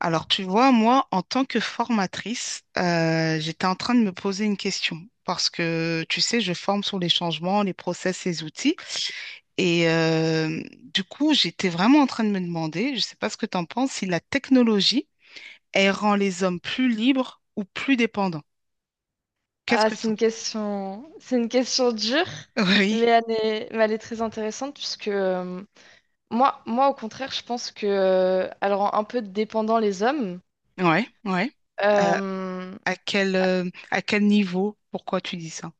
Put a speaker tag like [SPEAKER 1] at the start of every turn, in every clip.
[SPEAKER 1] Alors, tu vois, moi, en tant que formatrice, j'étais en train de me poser une question parce que, tu sais, je forme sur les changements, les process, les outils. Et du coup, j'étais vraiment en train de me demander, je ne sais pas ce que tu en penses, si la technologie, elle rend les hommes plus libres ou plus dépendants. Qu'est-ce
[SPEAKER 2] Ah,
[SPEAKER 1] que tu en penses?
[SPEAKER 2] c'est une question dure,
[SPEAKER 1] Oui,
[SPEAKER 2] mais elle est très intéressante puisque moi, au contraire, je pense que elle rend un peu dépendant les hommes.
[SPEAKER 1] ouais, ouais. Euh,
[SPEAKER 2] Euh,
[SPEAKER 1] à quel niveau? Pourquoi tu dis ça?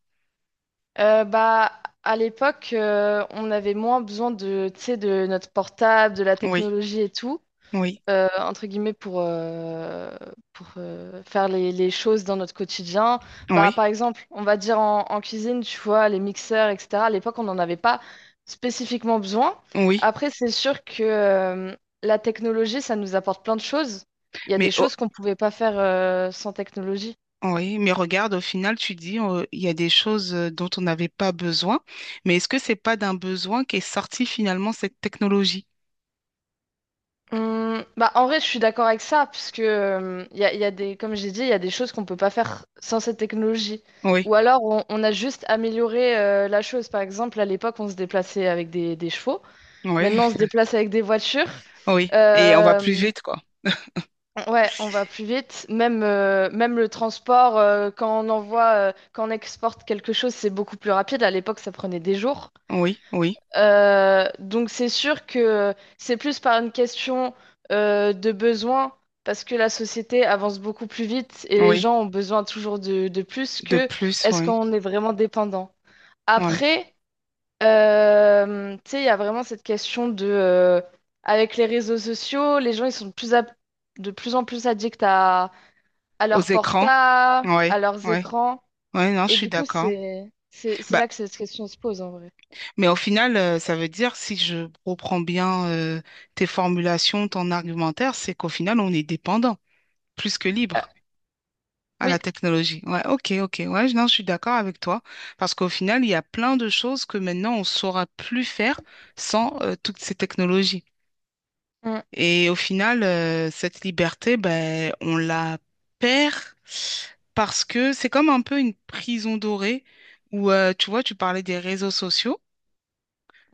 [SPEAKER 2] euh, bah, à l'époque, on avait moins besoin de, tu sais, de notre portable, de la
[SPEAKER 1] Oui,
[SPEAKER 2] technologie et tout.
[SPEAKER 1] oui,
[SPEAKER 2] Entre guillemets pour, faire les choses dans notre quotidien. Bah,
[SPEAKER 1] oui,
[SPEAKER 2] par exemple, on va dire en cuisine, tu vois, les mixeurs, etc. À l'époque, on n'en avait pas spécifiquement besoin.
[SPEAKER 1] oui.
[SPEAKER 2] Après, c'est sûr que la technologie, ça nous apporte plein de choses. Il y a
[SPEAKER 1] Mais
[SPEAKER 2] des choses qu'on ne pouvait pas faire sans technologie.
[SPEAKER 1] Oui, mais regarde, au final, tu dis, il y a des choses dont on n'avait pas besoin, mais est-ce que c'est pas d'un besoin qu'est sortie finalement cette technologie?
[SPEAKER 2] Bah, en vrai, je suis d'accord avec ça, parce que y a des, comme j'ai dit, il y a des choses qu'on peut pas faire sans cette technologie.
[SPEAKER 1] Oui,
[SPEAKER 2] Ou alors, on a juste amélioré la chose. Par exemple, à l'époque, on se déplaçait avec des chevaux.
[SPEAKER 1] oui,
[SPEAKER 2] Maintenant, on se déplace avec des voitures.
[SPEAKER 1] oui. Et on va plus
[SPEAKER 2] Euh,
[SPEAKER 1] vite, quoi.
[SPEAKER 2] ouais, on va plus vite. Même le transport, quand on exporte quelque chose, c'est beaucoup plus rapide. À l'époque, ça prenait des jours.
[SPEAKER 1] Oui, oui,
[SPEAKER 2] Donc c'est sûr que c'est plus par une question de besoin, parce que la société avance beaucoup plus vite et les
[SPEAKER 1] oui.
[SPEAKER 2] gens ont besoin toujours de plus
[SPEAKER 1] De
[SPEAKER 2] que
[SPEAKER 1] plus,
[SPEAKER 2] est-ce
[SPEAKER 1] oui,
[SPEAKER 2] qu'on est vraiment dépendant.
[SPEAKER 1] oui.
[SPEAKER 2] Après, tu sais, il y a vraiment cette question de, avec les réseaux sociaux, les gens ils sont de plus en plus addicts à
[SPEAKER 1] Aux
[SPEAKER 2] leur
[SPEAKER 1] écrans,
[SPEAKER 2] portable, à
[SPEAKER 1] oui,
[SPEAKER 2] leurs
[SPEAKER 1] oui.
[SPEAKER 2] écrans,
[SPEAKER 1] Oui, non, je
[SPEAKER 2] et
[SPEAKER 1] suis
[SPEAKER 2] du coup
[SPEAKER 1] d'accord.
[SPEAKER 2] c'est
[SPEAKER 1] Bah,
[SPEAKER 2] là que cette question se pose en vrai.
[SPEAKER 1] mais au final, ça veut dire, si je reprends bien tes formulations, ton argumentaire, c'est qu'au final, on est dépendant, plus que
[SPEAKER 2] Ah,
[SPEAKER 1] libre. À la
[SPEAKER 2] oui.
[SPEAKER 1] technologie. Ouais, ok, ok. Ouais, non, je suis d'accord avec toi. Parce qu'au final, il y a plein de choses que maintenant, on ne saura plus faire sans toutes ces technologies. Et au final, cette liberté, ben, on la perd parce que c'est comme un peu une prison dorée où, tu vois, tu parlais des réseaux sociaux.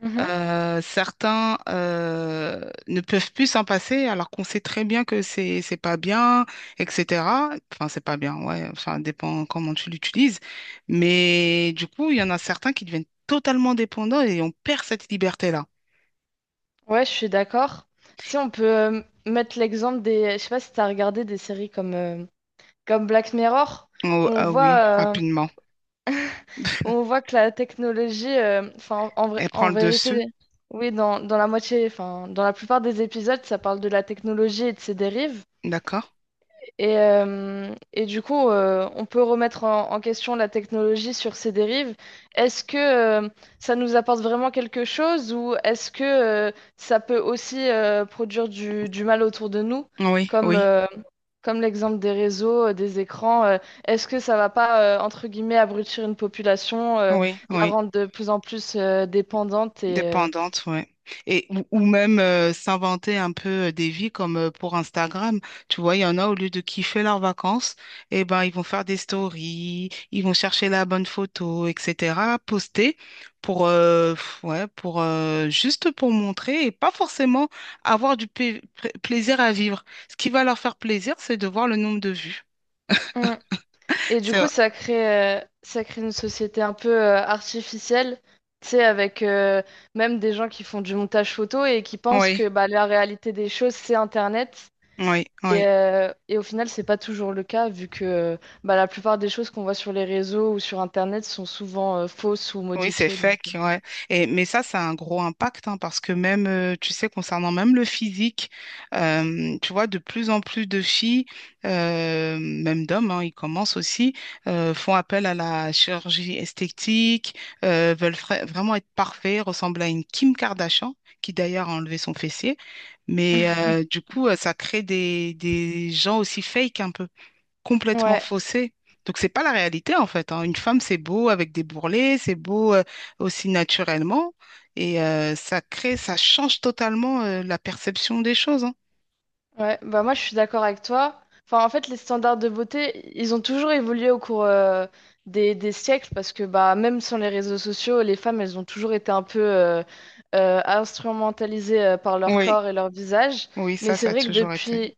[SPEAKER 2] Mm.
[SPEAKER 1] Certains ne peuvent plus s'en passer alors qu'on sait très bien que c'est pas bien, etc. Enfin, c'est pas bien, ouais, enfin, dépend comment tu l'utilises. Mais du coup, il y en a certains qui deviennent totalement dépendants et on perd cette liberté-là.
[SPEAKER 2] Ouais, je suis d'accord. Si on peut mettre l'exemple des, je sais pas si t'as regardé des séries comme Black Mirror, où
[SPEAKER 1] Oh,
[SPEAKER 2] on
[SPEAKER 1] ah oui,
[SPEAKER 2] voit euh,
[SPEAKER 1] rapidement.
[SPEAKER 2] où on voit que la technologie,
[SPEAKER 1] Elle prend
[SPEAKER 2] en
[SPEAKER 1] le dessus,
[SPEAKER 2] vérité, oui, dans la moitié, enfin dans la plupart des épisodes, ça parle de la technologie et de ses dérives,
[SPEAKER 1] d'accord?
[SPEAKER 2] et du coup, on peut remettre en question la technologie sur ses dérives. Est-ce que euh, ça nous apporte vraiment quelque chose ou est-ce que ça peut aussi produire du mal autour de nous,
[SPEAKER 1] Oui,
[SPEAKER 2] comme,
[SPEAKER 1] oui,
[SPEAKER 2] euh, comme l'exemple des réseaux, des écrans? Est-ce que ça va pas, entre guillemets, abrutir une population,
[SPEAKER 1] oui,
[SPEAKER 2] la
[SPEAKER 1] oui.
[SPEAKER 2] rendre de plus en plus dépendante et,
[SPEAKER 1] Dépendante, ouais. Et, ou même s'inventer un peu des vies comme pour Instagram. Tu vois, il y en a, au lieu de kiffer leurs vacances, eh ben, ils vont faire des stories, ils vont chercher la bonne photo, etc., poster pour, ouais, juste pour montrer et pas forcément avoir du plaisir à vivre. Ce qui va leur faire plaisir, c'est de voir le nombre de vues.
[SPEAKER 2] euh. Et du
[SPEAKER 1] C'est,
[SPEAKER 2] coup, ça crée une société un peu artificielle, tu sais, avec même des gens qui font du montage photo et qui pensent
[SPEAKER 1] oui,
[SPEAKER 2] que bah, la réalité des choses, c'est Internet.
[SPEAKER 1] oui, oui.
[SPEAKER 2] Et au final, c'est pas toujours le cas, vu que bah, la plupart des choses qu'on voit sur les réseaux ou sur Internet sont souvent fausses ou
[SPEAKER 1] Oui, c'est
[SPEAKER 2] modifiées. Donc euh.
[SPEAKER 1] fake, ouais. Mais ça a un gros impact, hein, parce que même, tu sais, concernant même le physique, tu vois, de plus en plus de filles, même d'hommes, hein, ils commencent aussi, font appel à la chirurgie esthétique, veulent vraiment être parfaits, ressemblent à une Kim Kardashian, qui d'ailleurs a enlevé son fessier. Mais du coup, ça crée des gens aussi fake un peu complètement
[SPEAKER 2] Ouais.
[SPEAKER 1] faussée. Donc, c'est pas la réalité, en fait, hein. Une femme, c'est beau avec des bourrelets, c'est beau aussi naturellement. Et ça crée, ça change totalement la perception des choses, hein.
[SPEAKER 2] Ouais, bah moi je suis d'accord avec toi. Enfin, en fait, les standards de beauté, ils ont toujours évolué au cours des siècles parce que bah même sans les réseaux sociaux, les femmes, elles ont toujours été un peu instrumentalisées par leur
[SPEAKER 1] Oui,
[SPEAKER 2] corps et leur visage.
[SPEAKER 1] oui,
[SPEAKER 2] Mais
[SPEAKER 1] ça,
[SPEAKER 2] c'est
[SPEAKER 1] ça a
[SPEAKER 2] vrai que
[SPEAKER 1] toujours été.
[SPEAKER 2] depuis,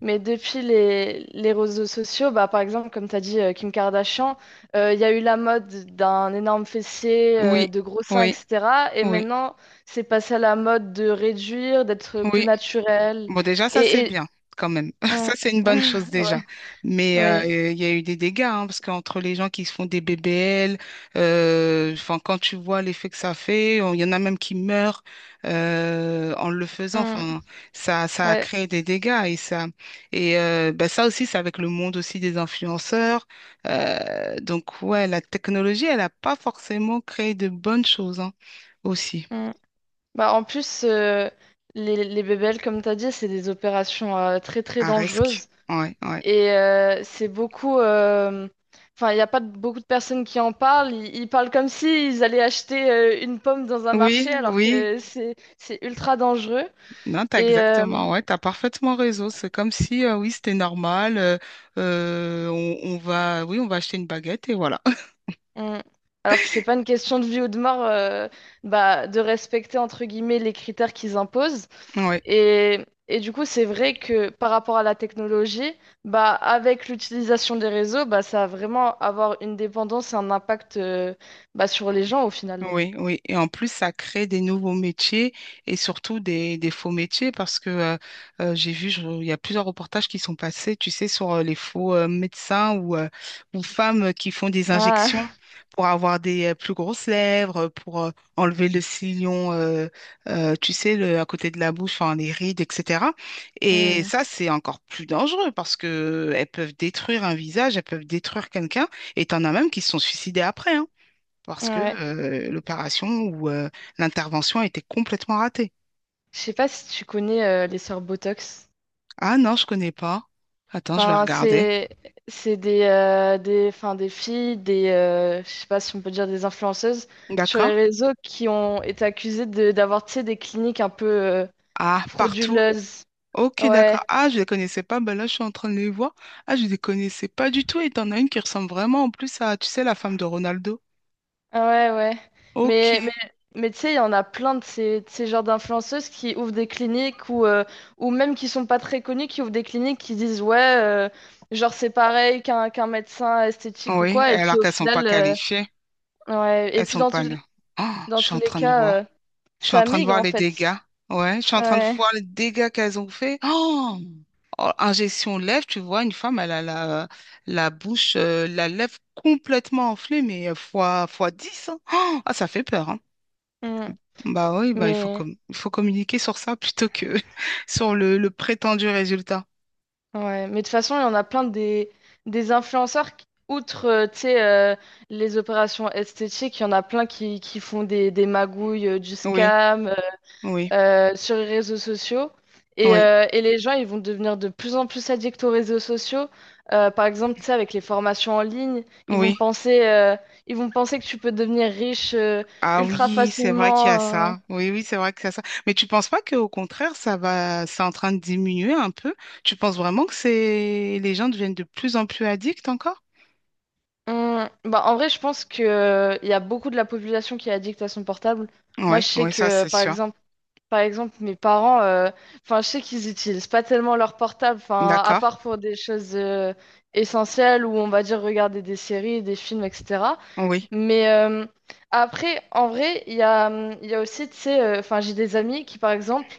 [SPEAKER 2] mais depuis les réseaux sociaux, bah par exemple, comme tu as dit, Kim Kardashian, il y a eu la mode d'un énorme fessier,
[SPEAKER 1] Oui,
[SPEAKER 2] de gros seins,
[SPEAKER 1] oui,
[SPEAKER 2] etc. Et
[SPEAKER 1] oui,
[SPEAKER 2] maintenant, c'est passé à la mode de réduire, d'être plus
[SPEAKER 1] oui.
[SPEAKER 2] naturel.
[SPEAKER 1] Bon, déjà, ça, c'est
[SPEAKER 2] Et,
[SPEAKER 1] bien, quand même. Ça,
[SPEAKER 2] mm.
[SPEAKER 1] c'est une bonne chose déjà.
[SPEAKER 2] Ouais,
[SPEAKER 1] Mais
[SPEAKER 2] ouais.
[SPEAKER 1] il y a eu des dégâts, hein, parce qu'entre les gens qui se font des BBL, enfin, quand tu vois l'effet que ça fait, il y en a même qui meurent en le faisant.
[SPEAKER 2] Mm.
[SPEAKER 1] Enfin, ça a
[SPEAKER 2] Ouais.
[SPEAKER 1] créé des dégâts. Et ça, et Ben, ça aussi, c'est avec le monde aussi des influenceurs. Donc, ouais, la technologie, elle n'a pas forcément créé de bonnes choses hein, aussi,
[SPEAKER 2] Mm. Bah, en plus, les BBL, comme tu as dit, c'est des opérations très très
[SPEAKER 1] à risque.
[SPEAKER 2] dangereuses.
[SPEAKER 1] Ouais, ouais.
[SPEAKER 2] Et c'est beaucoup. Enfin, il n'y a pas de- beaucoup de personnes qui en parlent. Ils parlent comme s'ils allaient acheter une pomme dans un
[SPEAKER 1] Oui,
[SPEAKER 2] marché, alors
[SPEAKER 1] oui.
[SPEAKER 2] que c'est ultra dangereux.
[SPEAKER 1] Non, t'as
[SPEAKER 2] Et, euh,
[SPEAKER 1] exactement, ouais, t'as parfaitement raison. C'est comme si, oui, c'était normal. Oui, on va acheter une baguette et voilà.
[SPEAKER 2] Mm. Alors que c'est pas une question de vie ou de mort, bah, de respecter entre guillemets les critères qu'ils imposent.
[SPEAKER 1] Ouais.
[SPEAKER 2] Et du coup, c'est vrai que par rapport à la technologie, bah, avec l'utilisation des réseaux, bah, ça va vraiment avoir une dépendance et un impact bah, sur les gens au final.
[SPEAKER 1] Oui, oui. Et en plus, ça crée des nouveaux métiers et surtout des faux métiers parce que j'ai vu, il y a plusieurs reportages qui sont passés, tu sais, sur les faux médecins ou femmes qui font des injections
[SPEAKER 2] Ah,
[SPEAKER 1] pour avoir des plus grosses lèvres, pour enlever le sillon, tu sais, à côté de la bouche, enfin, les rides, etc. Et
[SPEAKER 2] hmm,
[SPEAKER 1] ça, c'est encore plus dangereux parce que elles peuvent détruire un visage, elles peuvent détruire quelqu'un et t'en as même qui se sont suicidés après, hein, parce que
[SPEAKER 2] ouais.
[SPEAKER 1] l'opération ou l'intervention a été complètement ratée.
[SPEAKER 2] Je sais pas si tu connais les sœurs Botox.
[SPEAKER 1] Ah non, je connais pas. Attends, je vais
[SPEAKER 2] Enfin,
[SPEAKER 1] regarder.
[SPEAKER 2] c'est des des filles, des je sais pas si on peut dire des influenceuses sur
[SPEAKER 1] D'accord.
[SPEAKER 2] les réseaux qui ont été accusées de d'avoir tu sais, des cliniques un peu
[SPEAKER 1] Ah, partout.
[SPEAKER 2] frauduleuses.
[SPEAKER 1] Ok,
[SPEAKER 2] Ouais,
[SPEAKER 1] d'accord. Ah, je les connaissais pas. Ben là, je suis en train de les voir. Ah, je les connaissais pas du tout. Et t'en as une qui ressemble vraiment en plus à, tu sais, la femme de Ronaldo.
[SPEAKER 2] ah ouais, ouais. Mais mais
[SPEAKER 1] Ok.
[SPEAKER 2] mais tu sais, il y en a plein de ces genres d'influenceuses qui ouvrent des cliniques ou même qui sont pas très connues, qui ouvrent des cliniques qui disent ouais, genre c'est pareil qu'un qu'un médecin esthétique ou
[SPEAKER 1] Oui,
[SPEAKER 2] quoi et
[SPEAKER 1] alors
[SPEAKER 2] qui au
[SPEAKER 1] qu'elles sont pas
[SPEAKER 2] final euh.
[SPEAKER 1] qualifiées.
[SPEAKER 2] Ouais, et
[SPEAKER 1] Elles
[SPEAKER 2] puis
[SPEAKER 1] sont
[SPEAKER 2] dans
[SPEAKER 1] pas
[SPEAKER 2] tout-
[SPEAKER 1] là. Ah, je
[SPEAKER 2] Dans
[SPEAKER 1] suis
[SPEAKER 2] tous
[SPEAKER 1] en
[SPEAKER 2] les
[SPEAKER 1] train de voir.
[SPEAKER 2] cas,
[SPEAKER 1] Je suis en
[SPEAKER 2] ça
[SPEAKER 1] train de
[SPEAKER 2] migre
[SPEAKER 1] voir
[SPEAKER 2] en
[SPEAKER 1] les
[SPEAKER 2] fait.
[SPEAKER 1] dégâts. Ouais, je suis en train de
[SPEAKER 2] Ouais.
[SPEAKER 1] voir les dégâts qu'elles ont fait. Oh! En gestion lèvres, tu vois, une femme, elle a la bouche, la lèvre complètement enflée, mais fois dix, hein. Oh, ah, ça fait peur, hein.
[SPEAKER 2] Mm.
[SPEAKER 1] Bah oui, bah,
[SPEAKER 2] Mais
[SPEAKER 1] il faut communiquer sur ça plutôt que sur le prétendu résultat.
[SPEAKER 2] ouais. Mais de toute façon, il y en a plein des influenceurs, qui- outre tu sais, les opérations esthétiques, il y en a plein qui font des magouilles, du
[SPEAKER 1] Oui,
[SPEAKER 2] scam
[SPEAKER 1] oui,
[SPEAKER 2] sur les réseaux sociaux. Et,
[SPEAKER 1] oui,
[SPEAKER 2] euh, et les gens, ils vont devenir de plus en plus addicts aux réseaux sociaux. Par exemple, tu sais, avec les formations en ligne,
[SPEAKER 1] oui.
[SPEAKER 2] ils vont penser que tu peux devenir riche
[SPEAKER 1] Ah
[SPEAKER 2] ultra
[SPEAKER 1] oui, c'est vrai qu'il y a
[SPEAKER 2] facilement.
[SPEAKER 1] ça. Oui, oui, c'est vrai qu'il y a ça. Mais tu penses pas qu'au contraire, c'est en train de diminuer un peu? Tu penses vraiment que c'est les gens deviennent de plus en plus addicts encore?
[SPEAKER 2] Bah, en vrai, je pense que, il y a beaucoup de la population qui est addict à son portable. Moi,
[SPEAKER 1] Oui,
[SPEAKER 2] je sais
[SPEAKER 1] oui, ça
[SPEAKER 2] que,
[SPEAKER 1] c'est
[SPEAKER 2] par
[SPEAKER 1] sûr.
[SPEAKER 2] exemple, mes parents, enfin, je sais qu'ils utilisent pas tellement leur portable, enfin, à
[SPEAKER 1] D'accord.
[SPEAKER 2] part pour des choses essentielles ou on va dire regarder des séries, des films, etc.
[SPEAKER 1] Oui.
[SPEAKER 2] Mais après, en vrai, il y a aussi, tu sais, enfin, j'ai des amis qui, par exemple,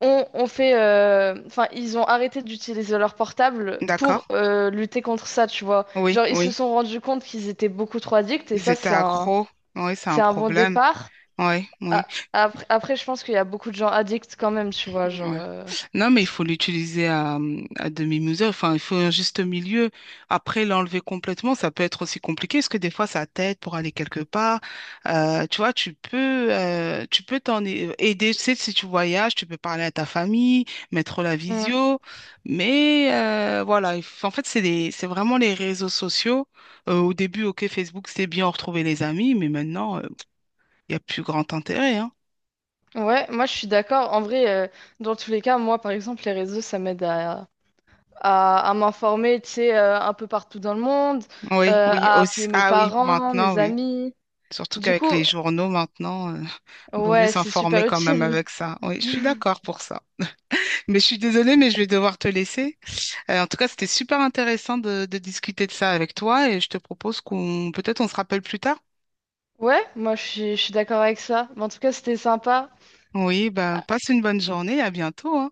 [SPEAKER 2] ont fait, enfin, ils ont arrêté d'utiliser leur portable
[SPEAKER 1] D'accord.
[SPEAKER 2] pour lutter contre ça, tu vois.
[SPEAKER 1] Oui,
[SPEAKER 2] Genre, ils se
[SPEAKER 1] oui.
[SPEAKER 2] sont rendus compte qu'ils étaient beaucoup trop addicts
[SPEAKER 1] Ils étaient accros. Oui, c'est
[SPEAKER 2] c'est
[SPEAKER 1] un
[SPEAKER 2] un bon
[SPEAKER 1] problème.
[SPEAKER 2] départ.
[SPEAKER 1] Oui, oui.
[SPEAKER 2] Après, je pense qu'il y a beaucoup de gens addicts quand même, tu vois, genre
[SPEAKER 1] Ouais. Non, mais il
[SPEAKER 2] c'est
[SPEAKER 1] faut l'utiliser à, demi-mesure. Enfin, il faut un juste milieu. Après, l'enlever complètement, ça peut être aussi compliqué parce que des fois, ça t'aide pour aller quelque part. Tu vois, tu peux t'en aider. Tu sais, si tu voyages, tu peux parler à ta famille, mettre la
[SPEAKER 2] Mm.
[SPEAKER 1] visio. Mais voilà, en fait, c'est vraiment les réseaux sociaux. Au début, OK, Facebook, c'est bien retrouver les amis, mais maintenant, il n'y a plus grand intérêt, hein.
[SPEAKER 2] Ouais, moi, je suis d'accord. En vrai, dans tous les cas, moi, par exemple, les réseaux, ça m'aide à. À, à m'informer, tu sais, un peu partout dans le monde,
[SPEAKER 1] Oui, oui,
[SPEAKER 2] à
[SPEAKER 1] aussi.
[SPEAKER 2] appeler mes
[SPEAKER 1] Ah oui,
[SPEAKER 2] parents,
[SPEAKER 1] maintenant,
[SPEAKER 2] mes
[SPEAKER 1] oui.
[SPEAKER 2] amis.
[SPEAKER 1] Surtout
[SPEAKER 2] Du
[SPEAKER 1] qu'avec
[SPEAKER 2] coup,
[SPEAKER 1] les journaux, maintenant, vaut mieux
[SPEAKER 2] ouais, c'est
[SPEAKER 1] s'informer
[SPEAKER 2] super
[SPEAKER 1] quand même
[SPEAKER 2] utile.
[SPEAKER 1] avec ça. Oui, je suis d'accord pour ça. Mais je suis désolée, mais je vais devoir te laisser. En tout cas, c'était super intéressant de discuter de ça avec toi et je te propose qu'on, peut-être on se rappelle plus tard.
[SPEAKER 2] Ouais, je suis d'accord avec ça. Mais en tout cas, c'était sympa.
[SPEAKER 1] Oui, ben,
[SPEAKER 2] Ah,
[SPEAKER 1] passe une bonne journée, à bientôt, hein.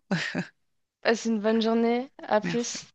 [SPEAKER 2] passe une bonne journée. À
[SPEAKER 1] Merci.
[SPEAKER 2] plus.